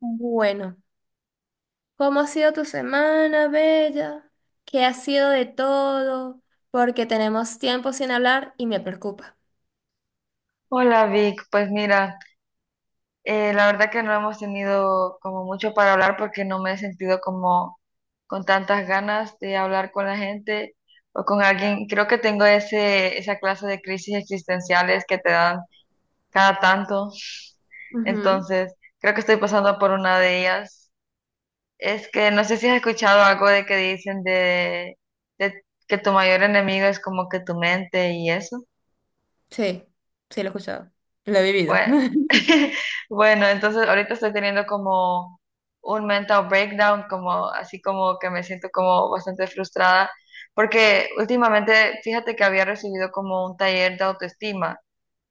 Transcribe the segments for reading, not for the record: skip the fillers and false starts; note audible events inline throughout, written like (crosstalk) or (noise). Bueno, ¿cómo ha sido tu semana, Bella? ¿Qué ha sido de todo? Porque tenemos tiempo sin hablar y me preocupa. Hola Vic, pues mira, la verdad que no hemos tenido como mucho para hablar porque no me he sentido como con tantas ganas de hablar con la gente o con alguien. Creo que tengo esa clase de crisis existenciales que te dan cada tanto. Ujú. Entonces, creo que estoy pasando por una de ellas. Es que no sé si has escuchado algo de que dicen de que tu mayor enemigo es como que tu mente y eso. Sí, sí, lo he escuchado. Lo he vivido. Bueno, (laughs) (laughs) bueno, entonces ahorita estoy teniendo como un mental breakdown, como así como que me siento como bastante frustrada, porque últimamente, fíjate que había recibido como un taller de autoestima,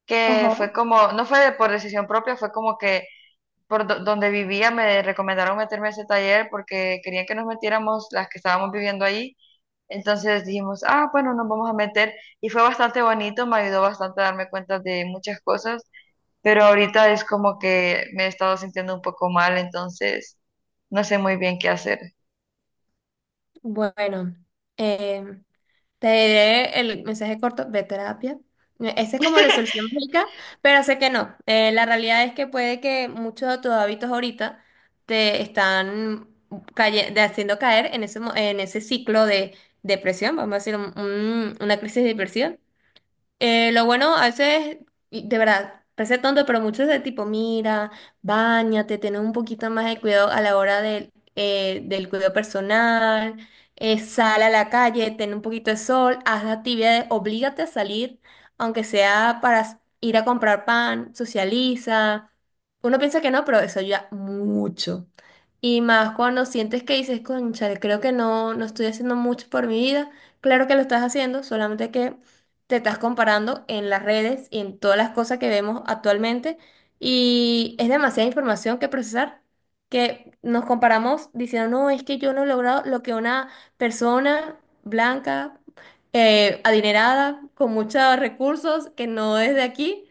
que Ajá. fue como, no por decisión propia, fue como que donde vivía me recomendaron meterme a ese taller porque querían que nos metiéramos las que estábamos viviendo ahí. Entonces dijimos, ah, bueno, nos vamos a meter y fue bastante bonito, me ayudó bastante a darme cuenta de muchas cosas, pero ahorita es como que me he estado sintiendo un poco mal, entonces no sé muy bien qué hacer. Bueno, em, Te diré el mensaje corto, ve a terapia. Esa es como la solución mágica, pero sé que no. La realidad es que puede que muchos de tus hábitos ahorita te están haciendo caer en ese, en ese ciclo de depresión, vamos a decir, una crisis de depresión. Lo bueno, a veces, y de verdad, parece tonto, pero muchos de tipo, mira, báñate, ten un poquito más de cuidado a la hora del, del cuidado personal, sal a la calle, ten un poquito de sol, haz actividades, oblígate a salir, aunque sea para ir a comprar pan, socializa. Uno piensa que no, pero eso ayuda mucho. Y más cuando sientes que dices, conchale, creo que no, no estoy haciendo mucho por mi vida. Claro que lo estás haciendo, solamente que te estás comparando en las redes y en todas las cosas que vemos actualmente y es demasiada información que procesar, que nos comparamos diciendo, no, es que yo no he logrado lo que una persona blanca, adinerada, con muchos recursos, que no es de aquí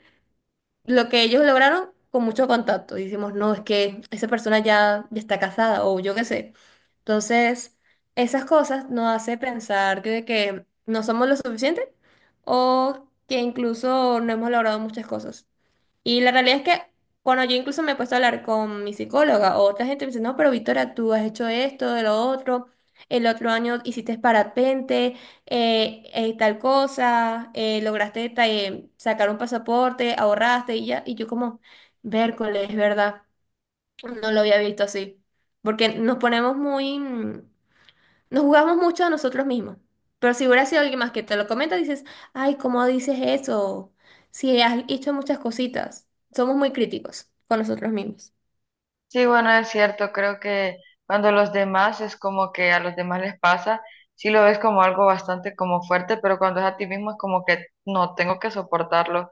lo que ellos lograron con mucho contacto. Y decimos, no, es que esa persona ya, ya está casada o yo qué sé. Entonces, esas cosas nos hace pensar de que no somos lo suficiente o que incluso no hemos logrado muchas cosas. Y la realidad es que cuando yo incluso me he puesto a hablar con mi psicóloga, o otra gente me dice, no, pero Victoria, tú has hecho esto, de lo otro, el otro año hiciste parapente, tal cosa, lograste sacar un pasaporte, ahorraste y ya. Y yo como, vércoles, es verdad, no lo había visto así. Porque nos ponemos muy, nos jugamos mucho a nosotros mismos. Pero si hubiera sido alguien más que te lo comenta, dices, ay, ¿cómo dices eso? Si has hecho muchas cositas. Somos muy críticos con nosotros mismos. Sí, bueno, es cierto, creo que cuando los demás es como que a los demás les pasa, sí lo ves como algo bastante como fuerte, pero cuando es a ti mismo es como que no, tengo que soportarlo,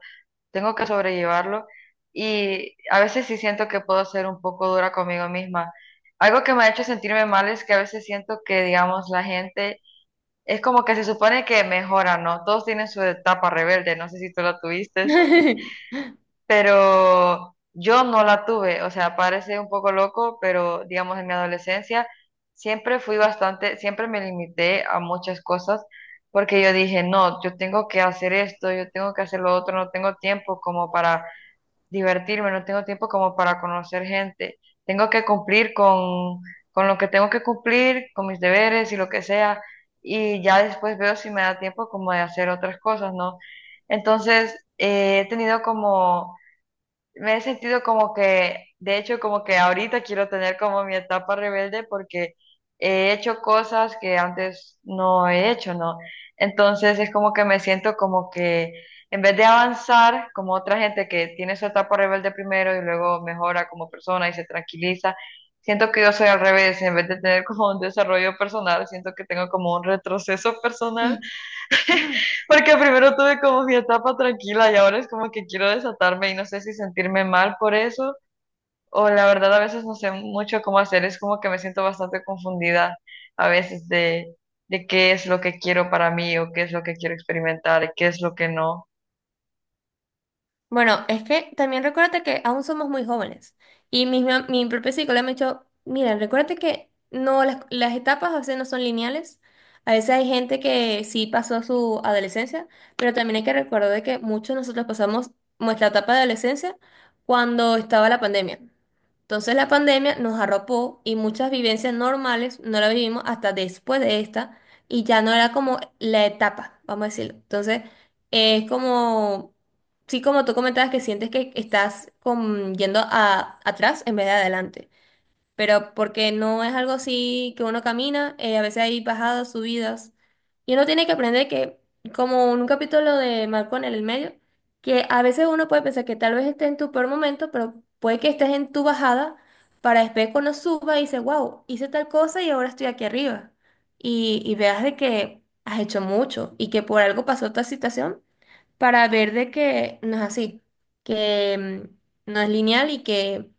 tengo que sobrellevarlo, y a veces sí siento que puedo ser un poco dura conmigo misma. Algo que me ha hecho sentirme mal es que a veces siento que, digamos, la gente es como que se supone que mejora, ¿no? Todos tienen su etapa rebelde, no sé si tú la tuviste, (laughs) pero yo no la tuve, o sea, parece un poco loco, pero digamos en mi adolescencia siempre fui bastante, siempre me limité a muchas cosas porque yo dije, no, yo tengo que hacer esto, yo tengo que hacer lo otro, no tengo tiempo como para divertirme, no tengo tiempo como para conocer gente. Tengo que cumplir con lo que tengo que cumplir, con mis deberes y lo que sea, y ya después veo si me da tiempo como de hacer otras cosas, ¿no? Entonces, he tenido como, me he sentido como que, de hecho, como que ahorita quiero tener como mi etapa rebelde porque he hecho cosas que antes no he hecho, ¿no? Entonces es como que me siento como que en vez de avanzar como otra gente que tiene su etapa rebelde primero y luego mejora como persona y se tranquiliza, siento que yo soy al revés, en vez de tener como un desarrollo personal, siento que tengo como un retroceso personal porque primero tuve como mi etapa tranquila y ahora es como que quiero desatarme y no sé si sentirme mal por eso o la verdad a veces no sé mucho cómo hacer, es como que me siento bastante confundida a veces de qué es lo que quiero para mí o qué es lo que quiero experimentar y qué es lo que no. Bueno, es que también recuérdate que aún somos muy jóvenes. Y mi propio psicólogo me ha dicho, mira, recuérdate que no, las etapas a veces no son lineales. A veces hay gente que sí pasó su adolescencia, pero también hay que recordar de que muchos de nosotros pasamos nuestra etapa de adolescencia cuando estaba la pandemia. Entonces la pandemia nos arropó y muchas vivencias normales no las vivimos hasta después de esta y ya no era como la etapa, vamos a decirlo. Entonces es como... Sí, como tú comentabas que sientes que estás yendo a, atrás en vez de adelante, pero porque no es algo así que uno camina, a veces hay bajadas, subidas, y uno tiene que aprender que, como en un capítulo de Malcolm en el medio, que a veces uno puede pensar que tal vez estés en tu peor momento, pero puede que estés en tu bajada para después cuando suba y dices, wow, hice tal cosa y ahora estoy aquí arriba, y veas de que has hecho mucho y que por algo pasó tal situación para ver de que no es así, que no es lineal y que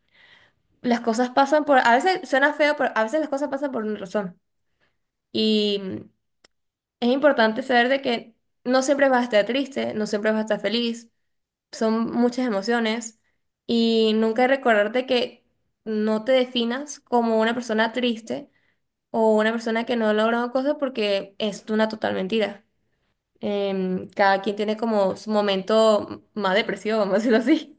las cosas pasan por, a veces suena feo, pero a veces las cosas pasan por una razón. Y es importante saber de que no siempre vas a estar triste, no siempre vas a estar feliz, son muchas emociones y nunca recordarte que no te definas como una persona triste o una persona que no ha logrado cosas porque es una total mentira. Cada quien tiene como su momento más depresivo, vamos a decirlo así.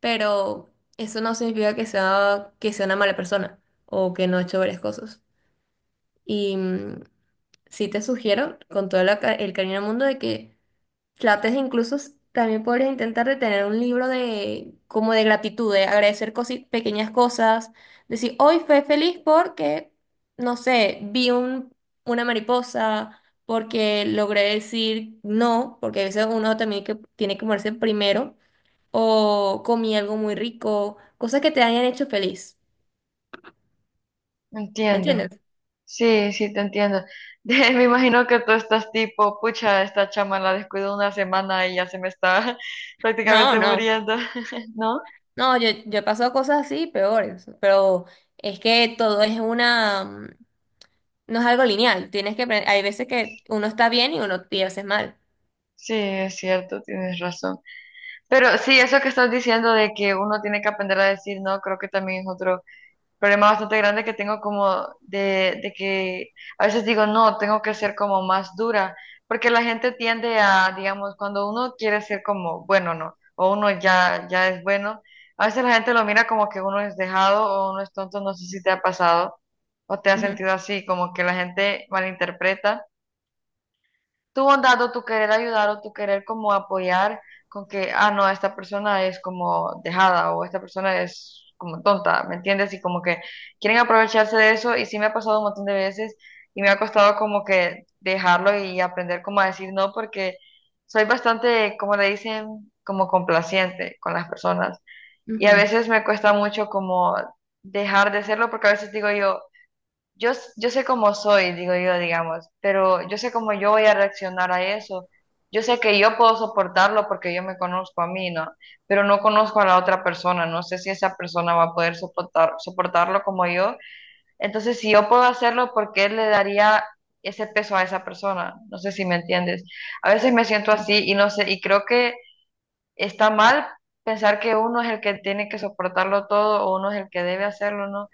Pero eso no significa que sea una mala persona o que no ha hecho varias cosas. Y sí te sugiero, con todo el cariño del mundo, de que trates de incluso, también podrías intentar de tener un libro de, como de gratitud, de agradecer pequeñas cosas, decir, hoy fue feliz porque, no sé, vi una mariposa. Porque logré decir no, porque a veces uno también que tiene que moverse primero o comí algo muy rico, cosas que te hayan hecho feliz, ¿me Entiendo. entiendes? Sí, sí, te entiendo. (laughs) De- me imagino que tú estás tipo, pucha, esta chama la descuido una semana y ya se me está (laughs) No, prácticamente no, muriendo, (laughs) ¿no? no, yo he pasado cosas así peores, pero es que todo es una, no es algo lineal, tienes que aprender, hay veces que uno está bien y uno y a veces mal. Sí, es cierto, tienes razón. Pero sí, eso que estás diciendo de que uno tiene que aprender a decir no, creo que también es otro problema bastante grande que tengo como de que a veces digo no, tengo que ser como más dura, porque la gente tiende a, digamos, cuando uno quiere ser como bueno, no, o uno ya es bueno, a veces la gente lo mira como que uno es dejado o uno es tonto, no sé si te ha pasado o te has Ujú, sentido así, como que la gente malinterpreta tu bondad o tu querer ayudar o tu querer como apoyar con que, ah, no, esta persona es como dejada o esta persona es como tonta, ¿me entiendes? Y como que quieren aprovecharse de eso y sí me ha pasado un montón de veces y me ha costado como que dejarlo y aprender como a decir no porque soy bastante, como le dicen, como complaciente con las personas y a ujú, veces me cuesta mucho como dejar de serlo porque a veces digo yo sé cómo soy, digo yo, digamos, pero yo sé cómo yo voy a reaccionar a eso. Yo sé que yo puedo soportarlo porque yo me conozco a mí, ¿no? Pero no conozco a la otra persona, no sé si esa persona va a poder soportarlo como yo. Entonces, si yo puedo hacerlo, ¿por qué le daría ese peso a esa persona? No sé si me entiendes. A veces me siento ujú. así y no sé, y creo que está mal pensar que uno es el que tiene que soportarlo todo o uno es el que debe hacerlo, ¿no?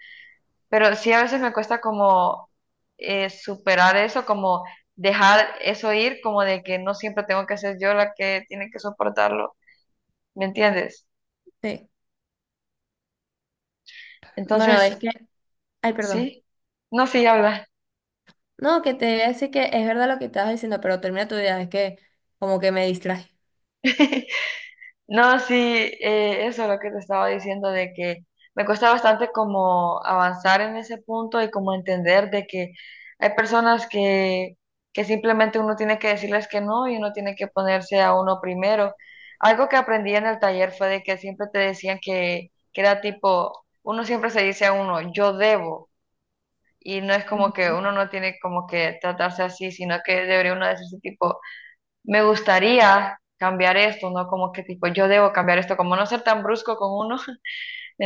Pero sí a veces me cuesta como superar eso, como dejar eso ir, como de que no siempre tengo que ser yo la que tiene que soportarlo, ¿me entiendes? Sí. Bueno, es Entonces, que, ay, perdón. sí, no, sí, habla. No, que te voy a decir que es verdad lo que estabas diciendo, pero termina tu idea, es que como que me distraje. (laughs) No, sí, eso es lo que te estaba diciendo de que me cuesta bastante como avanzar en ese punto y como entender de que hay personas que simplemente uno tiene que decirles que no y uno tiene que ponerse a uno primero. Algo que aprendí en el taller fue de que siempre te decían que era tipo, uno siempre se dice a uno, yo debo, y no es como que Ujú, uno no tiene como que tratarse así, sino que debería uno decirse tipo, me gustaría cambiar esto, ¿no? Como que tipo, yo debo cambiar esto, como no ser tan brusco con uno, (laughs)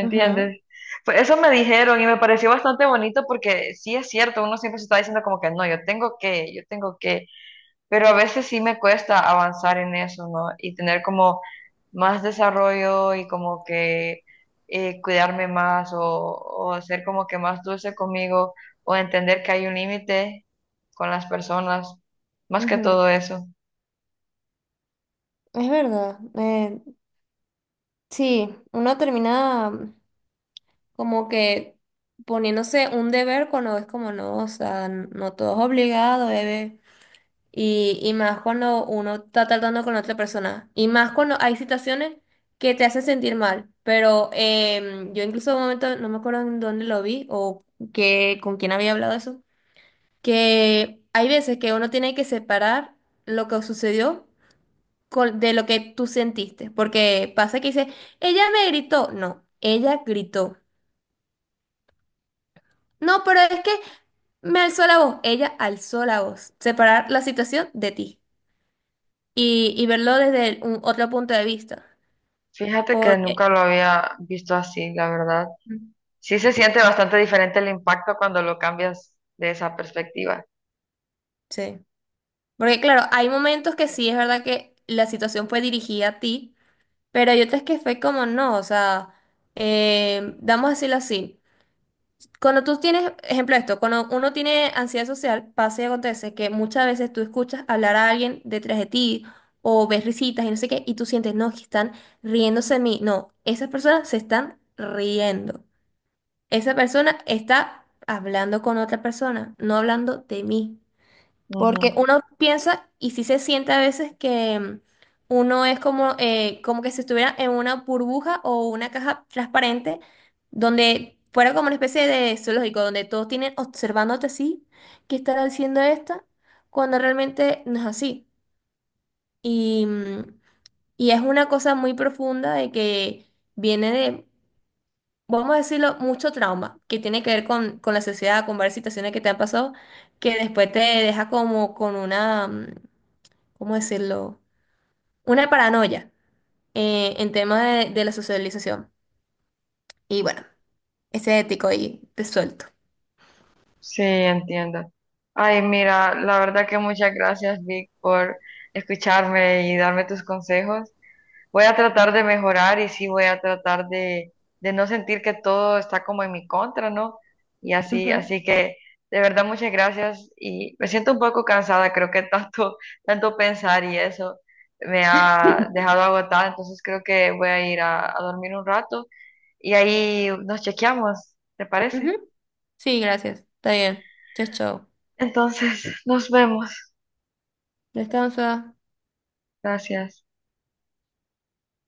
ujú, Pues eso me dijeron y me pareció bastante bonito porque sí es cierto, uno siempre se está diciendo como que no, yo tengo que, pero a veces sí me cuesta avanzar en eso, ¿no? Y tener como más desarrollo y como que cuidarme más o ser como que más dulce conmigo o entender que hay un límite con las personas, más que ujú. todo eso. Es verdad. Sí, uno termina. Como que poniéndose un deber cuando es como no, o sea, no todo es obligado, bebé. Y más cuando uno está tratando con otra persona. Y más cuando hay situaciones que te hacen sentir mal. Pero yo incluso en un momento, no me acuerdo en dónde lo vi o que, con quién había hablado eso, que hay veces que uno tiene que separar lo que sucedió de lo que tú sentiste. Porque pasa que dice, ella me gritó. No, ella gritó. No, pero es que me alzó la voz, ella alzó la voz. Separar la situación de ti y verlo desde otro punto de vista. Fíjate que Porque, nunca lo había visto así, la verdad. Mm. Sí se siente bastante diferente el impacto cuando lo cambias de esa perspectiva. sí. Porque claro, hay momentos que sí es verdad que la situación fue dirigida a ti, pero hay otras que fue como no, o sea, vamos a decirlo así. Cuando tú tienes, ejemplo de esto, cuando uno tiene ansiedad social, pasa y acontece que muchas veces tú escuchas hablar a alguien detrás de ti o ves risitas y no sé qué, y tú sientes, no, que están riéndose de mí. No, esas personas se están riendo. Esa persona está hablando con otra persona, no hablando de mí. Ujú. Porque uno piensa y sí se siente a veces que uno es como, como que si estuviera en una burbuja o una caja transparente donde fuera como una especie de zoológico, donde todos tienen observándote así, ¿qué estará haciendo esta? Cuando realmente no es así. Y, mm, y es una cosa muy profunda de que viene de, vamos a decirlo, mucho trauma, que tiene que ver con la sociedad, con varias situaciones que te han pasado, que después te deja como con una... ¿cómo decirlo? Una paranoia en temas de la socialización. Y bueno, ese ético ahí te suelto. Sí, entiendo. Ay, mira, la verdad que muchas gracias, Vic, por escucharme y darme tus consejos. Voy a tratar de mejorar y sí voy a tratar de no sentir que todo está como en mi contra, ¿no? Y así, así que de verdad muchas gracias y me siento un poco cansada, creo que (laughs) tanto pensar y eso me ha dejado agotada, entonces creo que voy a ir a dormir un rato y ahí nos chequeamos, ¿te Ujú, parece? ujú. Sí, gracias. Está bien. Chao, chao. Entonces, nos vemos. Descansa. Gracias.